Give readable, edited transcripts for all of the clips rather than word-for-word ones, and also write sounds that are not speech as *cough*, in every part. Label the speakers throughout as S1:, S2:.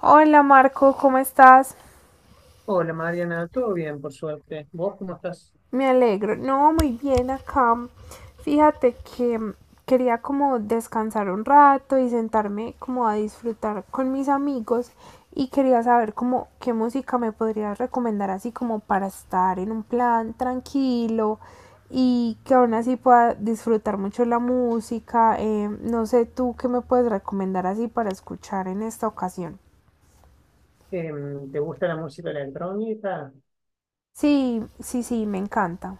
S1: Hola Marco, ¿cómo estás?
S2: Hola Mariana, todo bien por suerte. ¿Vos cómo estás?
S1: Me alegro. No, muy bien acá. Fíjate que quería como descansar un rato y sentarme como a disfrutar con mis amigos y quería saber como qué música me podrías recomendar así como para estar en un plan tranquilo y que aún así pueda disfrutar mucho la música. No sé tú qué me puedes recomendar así para escuchar en esta ocasión.
S2: ¿Te gusta la música electrónica?
S1: Sí, sí, sí, me encanta.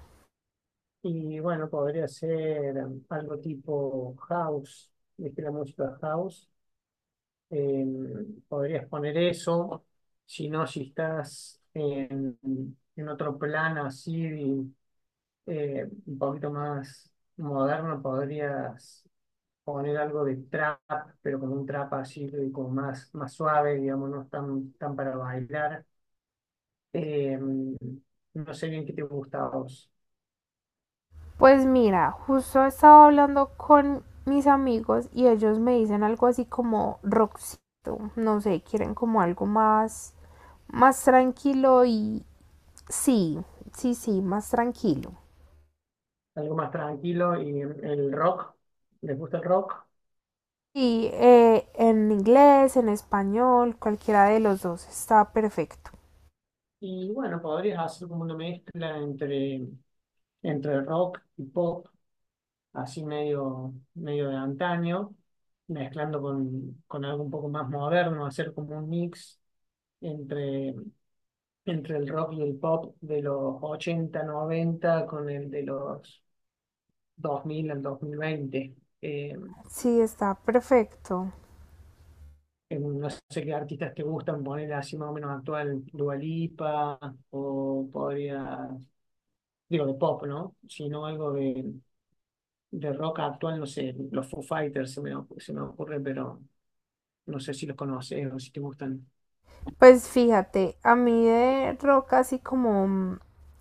S2: Y bueno, podría ser algo tipo house, ¿viste la música house? Podrías poner eso. Si no, si estás en otro plano así, un poquito más moderno, podrías poner algo de trap, pero con un trap así, como más, más suave, digamos, no es tan, tan para bailar. Eh, no sé bien qué te gusta a vos.
S1: Pues mira, justo estaba hablando con mis amigos y ellos me dicen algo así como rockcito, no sé, quieren como algo más tranquilo y sí, sí, sí, más tranquilo.
S2: Algo más tranquilo y el rock. ¿Les gusta el rock?
S1: Y en inglés, en español, cualquiera de los dos está perfecto.
S2: Y bueno, podrías hacer como una mezcla entre rock y pop, así medio, medio de antaño, mezclando con algo un poco más moderno, hacer como un mix entre, entre el rock y el pop de los 80 90 con el de los 2000 al 2020. Eh,
S1: Sí, está perfecto.
S2: no sé qué artistas te gustan poner así más o menos actual, Dua Lipa, o digo de pop, ¿no? Sino algo de rock actual, no sé, los Foo Fighters se me ocurre, pero no sé si los conoces o si te gustan.
S1: Pues fíjate, a mí de rock así como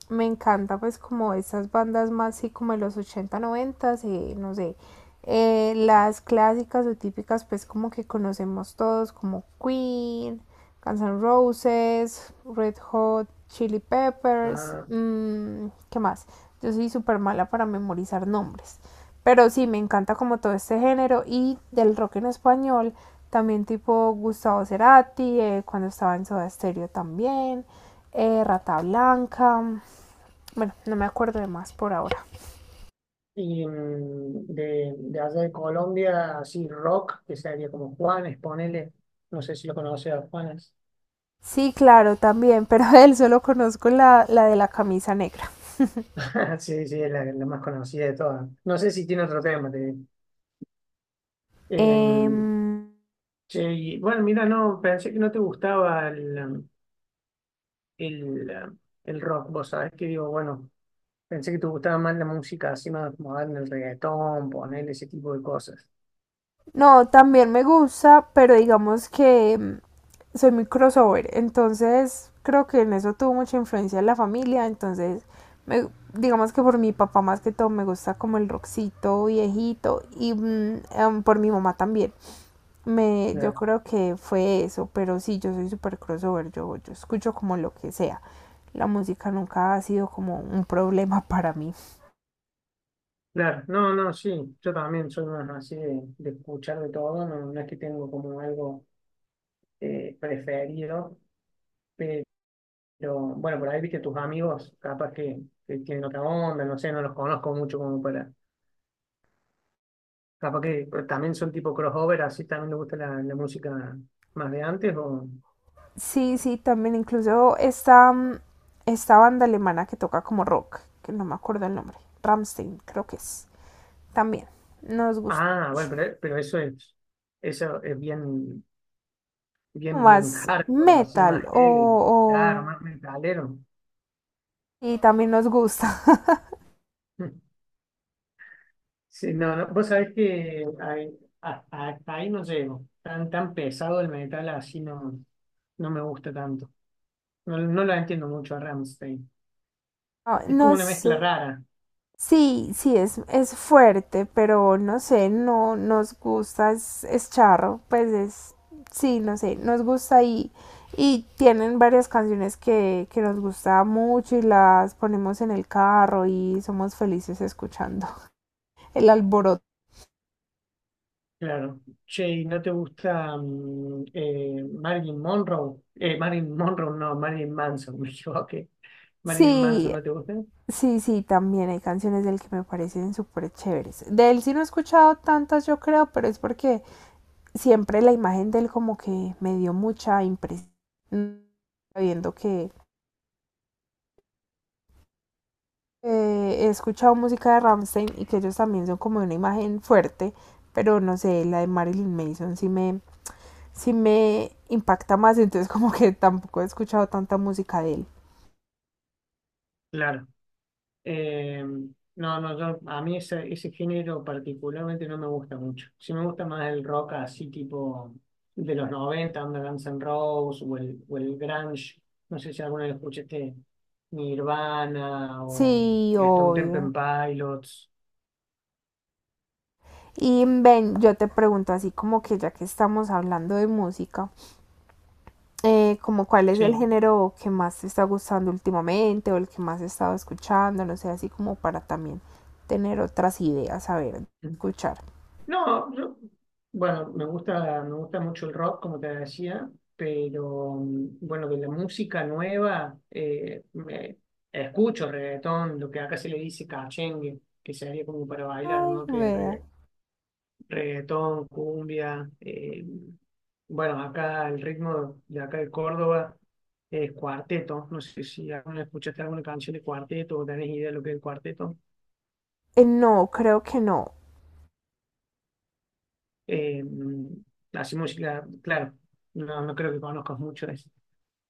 S1: me encanta pues como estas bandas más así como de los 80 90, no sé, las clásicas o típicas pues como que conocemos todos como Queen, Guns N' Roses, Red Hot, Chili Peppers,
S2: Ah,
S1: mm, ¿qué más? Yo soy súper mala para memorizar nombres. Pero sí, me encanta como todo este género y del rock en español, también tipo Gustavo Cerati, cuando estaba en Soda Stereo también, Rata Blanca, bueno, no me acuerdo de más por ahora.
S2: y de allá de Colombia, así rock, que sería como Juanes, ponele. No sé si lo conoces a Juanes.
S1: Sí, claro, también, *laughs* pero él solo conozco la de la camisa negra.
S2: *laughs* Sí, sí, es la, la más conocida de todas. No sé si tiene otro tema, te digo. Eh,
S1: Em,
S2: Che, y bueno, mira, no, pensé que no te gustaba el, um, el rock, vos sabés que digo, bueno, pensé que te gustaba más la música así más moderna, el reggaetón, poner ese tipo de cosas.
S1: No, también me gusta, pero digamos que soy muy crossover, entonces creo que en eso tuvo mucha influencia en la familia, entonces me- digamos que por mi papá más que todo me gusta como el rockcito viejito y por mi mamá también. Yo
S2: Claro,
S1: creo que fue eso, pero sí, yo soy súper crossover, yo escucho como lo que sea. La música nunca ha sido como un problema *laughs* para mí.
S2: claro, no, no, sí, yo también soy más así de escuchar de todo, no, no es que tengo como algo preferido, pero bueno, por ahí viste tus amigos, capaz que tienen otra onda, no sé, no los conozco mucho como para... Capaz que pero también son tipo crossover, así también le gusta la, la música más de antes o...
S1: Sí, sí, también incluso esta banda alemana que toca como rock, que no me acuerdo el nombre, Rammstein creo que es, también nos gusta
S2: Ah, bueno,
S1: mucho.
S2: pero eso es bien, bien,
S1: Más
S2: bien hardcore, así
S1: metal
S2: más heavy, claro, más metalero.
S1: y también nos gusta. *laughs*
S2: *laughs* Sí, no, no, vos sabés que hasta ahí no llego. Tan, tan pesado el metal así no, no me gusta tanto. No, no lo entiendo mucho a Rammstein.
S1: No,
S2: Es como una
S1: nos.
S2: mezcla rara.
S1: Sí, es fuerte, pero no sé, no nos es charro, pues es, sí, no sé, nos gusta y tienen varias canciones que nos gusta mucho y las ponemos en el carro y somos felices escuchando *laughs* el alboroto.
S2: Claro. Che, ¿y no te gusta Marilyn Monroe? Marilyn Monroe, no, Marilyn Manson, *laughs* me equivoqué. ¿Marilyn Manson
S1: Sí,
S2: no te gusta?
S1: sí, sí, también hay canciones del que me parecen súper chéveres. De él sí no he escuchado tantas, yo creo, pero es porque siempre la imagen de él como que me dio mucha impresión, viendo que he escuchado música de Rammstein y que ellos también son como una imagen fuerte, pero no sé, la de Marilyn Manson sí me impacta más, entonces *laughs* como que tampoco he escuchado tanta música de él.
S2: Claro. Eh, no, no, yo, a mí ese género particularmente no me gusta mucho. Sí me gusta más el rock así tipo de los 90, onda Guns N' Roses o el grunge. No sé si alguna vez escuchaste Nirvana o
S1: Sí,
S2: Stone Temple
S1: obvio.
S2: Pilots.
S1: Y Ben, yo te pregunto así como que ya que estamos hablando de música, como cuál es el
S2: Sí.
S1: género que más te está gustando últimamente o el que más he estado escuchando, no sé, así como para también tener otras ideas, a ver, escuchar.
S2: No, yo, bueno, me gusta mucho el rock, como te decía, pero bueno, de la música nueva, escucho reggaetón, lo que acá se le dice cachengue, que sería como para bailar,
S1: Ay,
S2: ¿no? Que es
S1: vea.
S2: reggaetón, cumbia, bueno, acá el ritmo de acá de Córdoba es cuarteto, no sé si alguna escuchaste alguna canción de cuarteto o tenés idea de lo que es el cuarteto.
S1: No, creo que no.
S2: Eh, Así música, claro, no, no creo que conozcas mucho de eso.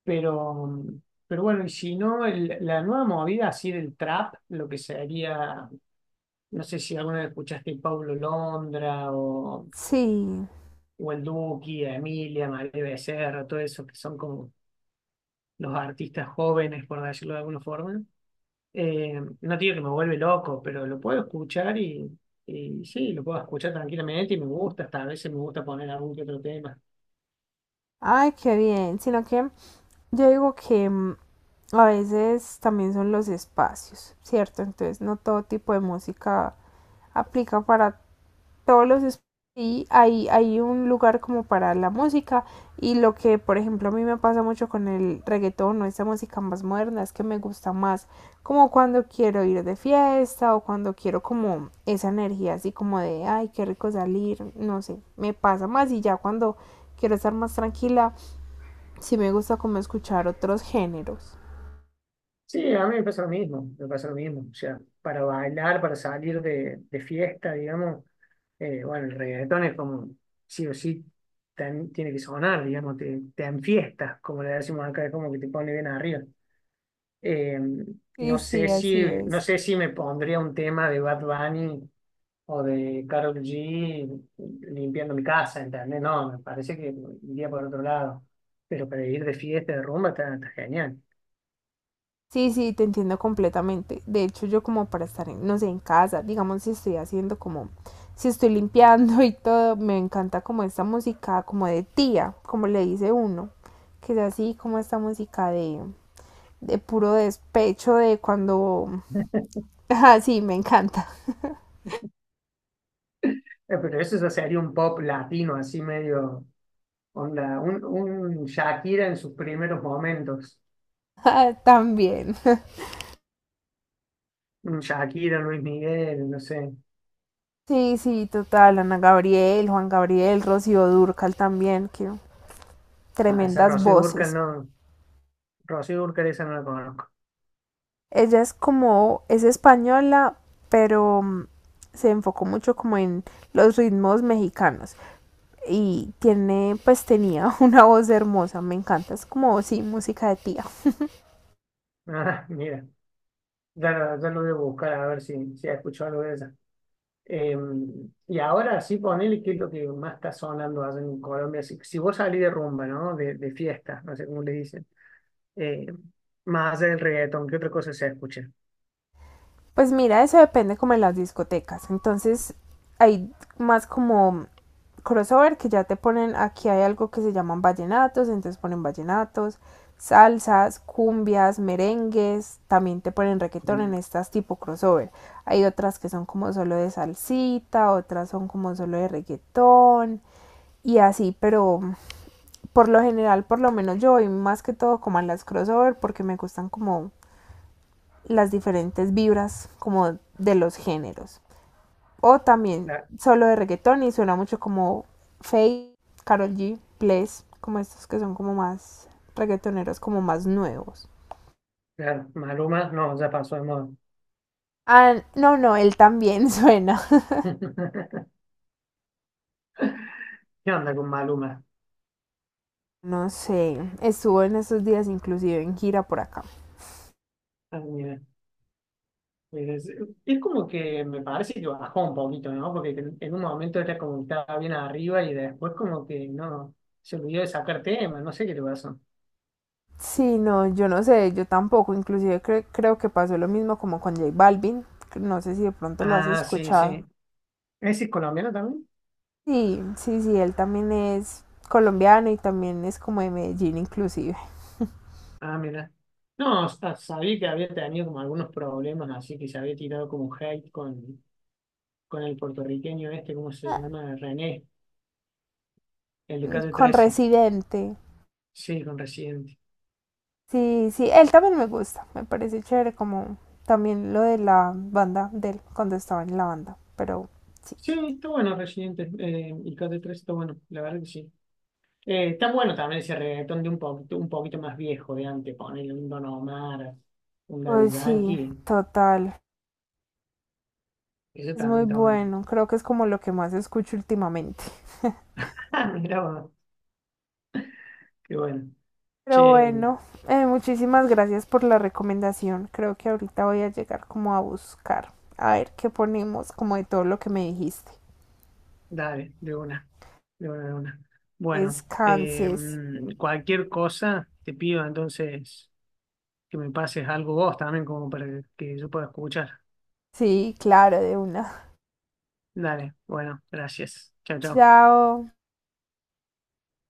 S2: Pero, pero bueno, y si no, la nueva movida así del trap, lo que sería, no sé si alguna vez escuchaste Paulo Londra
S1: Sí.
S2: o el Duki, a Emilia, María Becerra, todo eso, que son como los artistas jóvenes, por decirlo de alguna forma. No digo que me vuelve loco, pero lo puedo escuchar y sí, lo puedo escuchar tranquilamente y me gusta, hasta a veces me gusta poner algún que otro tema.
S1: Ay, qué bien. Sino que yo digo que a veces también son los espacios, ¿cierto? Entonces no todo tipo de música aplica para todos los estudios y hay un lugar como para la música y lo que por ejemplo a mí me pasa mucho con el reggaetón o esta música más moderna es que me gusta más como cuando quiero ir de fiesta o cuando quiero como esa energía así como de ay qué rico salir, no sé, me pasa más y ya cuando quiero estar más tranquila sí me gusta como escuchar otros géneros.
S2: Sí, a mí me pasa lo mismo, me pasa lo mismo. O sea, para bailar, para salir de fiesta, digamos, bueno, el reggaetón es como, sí o sí, tiene que sonar, digamos, te enfiestas, como le decimos acá, es como que te pone bien arriba. Eh,
S1: Sí,
S2: no sé
S1: sí,
S2: si,
S1: así
S2: no
S1: es.
S2: sé si me pondría un tema de Bad Bunny o de Karol G limpiando mi casa, ¿entendés? No, me parece que iría por otro lado. Pero para ir de fiesta, de rumba, está, está genial.
S1: Sí, sí, te entiendo completamente. De hecho, yo como para estar, no sé, en casa, digamos, si estoy si estoy limpiando *laughs* y todo, me encanta como esta música, como de tía, como le dice uno, que es así como esta música de puro despecho, de cuando... *laughs* Ah, sí, me encanta.
S2: Pero eso ya sería un pop latino, así medio onda, un Shakira en sus primeros momentos.
S1: *laughs* Ah, también.
S2: Un Shakira, Luis Miguel, no sé.
S1: Sí, sí, total. Ana Gabriel, Juan Gabriel, Rocío Dúrcal también, que
S2: A esa
S1: tremendas
S2: Rocío Dúrcal
S1: voces.
S2: no. Rocío Dúrcal esa no la conozco.
S1: Ella es como, es española, pero se enfocó mucho como en los ritmos mexicanos. Y tiene, pues tenía *laughs* una voz hermosa, me encanta, es como, sí, música de tía.
S2: *laughs* Ah, mira. Ya lo voy a buscar a ver si ha escuchado algo de ella. Eh, y ahora sí, ponele qué es lo que más está sonando allá en Colombia. Si vos salís de rumba, ¿no? De fiesta, no sé cómo le dicen. Eh, Más allá del reggaetón, ¿qué otra cosa se escucha?
S1: Pues mira, eso depende como en las discotecas. Entonces hay más como crossover que ya te ponen, aquí hay algo que se llaman vallenatos, entonces ponen vallenatos, salsas, cumbias, merengues, también te ponen reggaetón en
S2: Mm,
S1: estas tipo crossover. Hay otras que son como solo de salsita, otras son como solo de reggaetón y así, pero por lo general, por lo menos yo voy más que todo como a las crossover porque me gustan como las diferentes vibras como de los géneros. O también
S2: la-
S1: solo de reggaetón y suena mucho como Faye, Carol G, Bless, como estos que son como más reggaetoneros, como más nuevos.
S2: Claro, Maluma, no, ya pasó de moda.
S1: Ah, no, no, él también *laughs* suena.
S2: *laughs* ¿Qué onda con Maluma?
S1: No sé, estuvo en estos días inclusive en gira por acá.
S2: Ah, mira, es, es como que me parece que bajó un poquito, ¿no? Porque en un momento era como que estaba bien arriba y después como que no, se olvidó de sacar tema, no sé qué le pasó.
S1: Sí, no, yo no sé, yo tampoco, inclusive creo que pasó lo mismo como con J Balvin, no sé si de pronto lo has
S2: Ah, sí,
S1: escuchado.
S2: sí. ¿Ese es colombiano también?
S1: Sí, sí, sí, él también es colombiano y también es como de Medellín inclusive.
S2: Ah, mira. No, sabía que había tenido como algunos problemas, así que se había tirado como un hate con el puertorriqueño este, ¿cómo se
S1: Ah,
S2: llama? René, el de Calle
S1: con
S2: Trece.
S1: Residente.
S2: Sí, con Residente.
S1: Sí, sí, él también me gusta, me parece chévere como también lo de la banda de él cuando estaba en la banda, pero sí.
S2: Sí, está bueno Residente, y Calle Trece está bueno, la verdad que sí. Está bueno también ese reggaetón de un poquito más viejo de antes, ponerle un Don Omar, un Daddy
S1: Pues sí,
S2: Yankee,
S1: total.
S2: eso
S1: Es muy
S2: también está bueno.
S1: bueno,
S2: *laughs*
S1: creo que es como lo que más escucho últimamente.
S2: Ah, mira, qué bueno.
S1: Pero
S2: Che.
S1: bueno, muchísimas gracias por la recomendación. Creo que ahorita voy a llegar como a buscar, a ver qué ponemos como de todo lo que me dijiste.
S2: Dale, de una, de una, de una. Bueno,
S1: Descanses.
S2: cualquier cosa te pido entonces que me pases algo vos también como para que yo pueda escuchar.
S1: Sí, claro, de una.
S2: Dale, bueno, gracias. Chao, chao.
S1: Chao.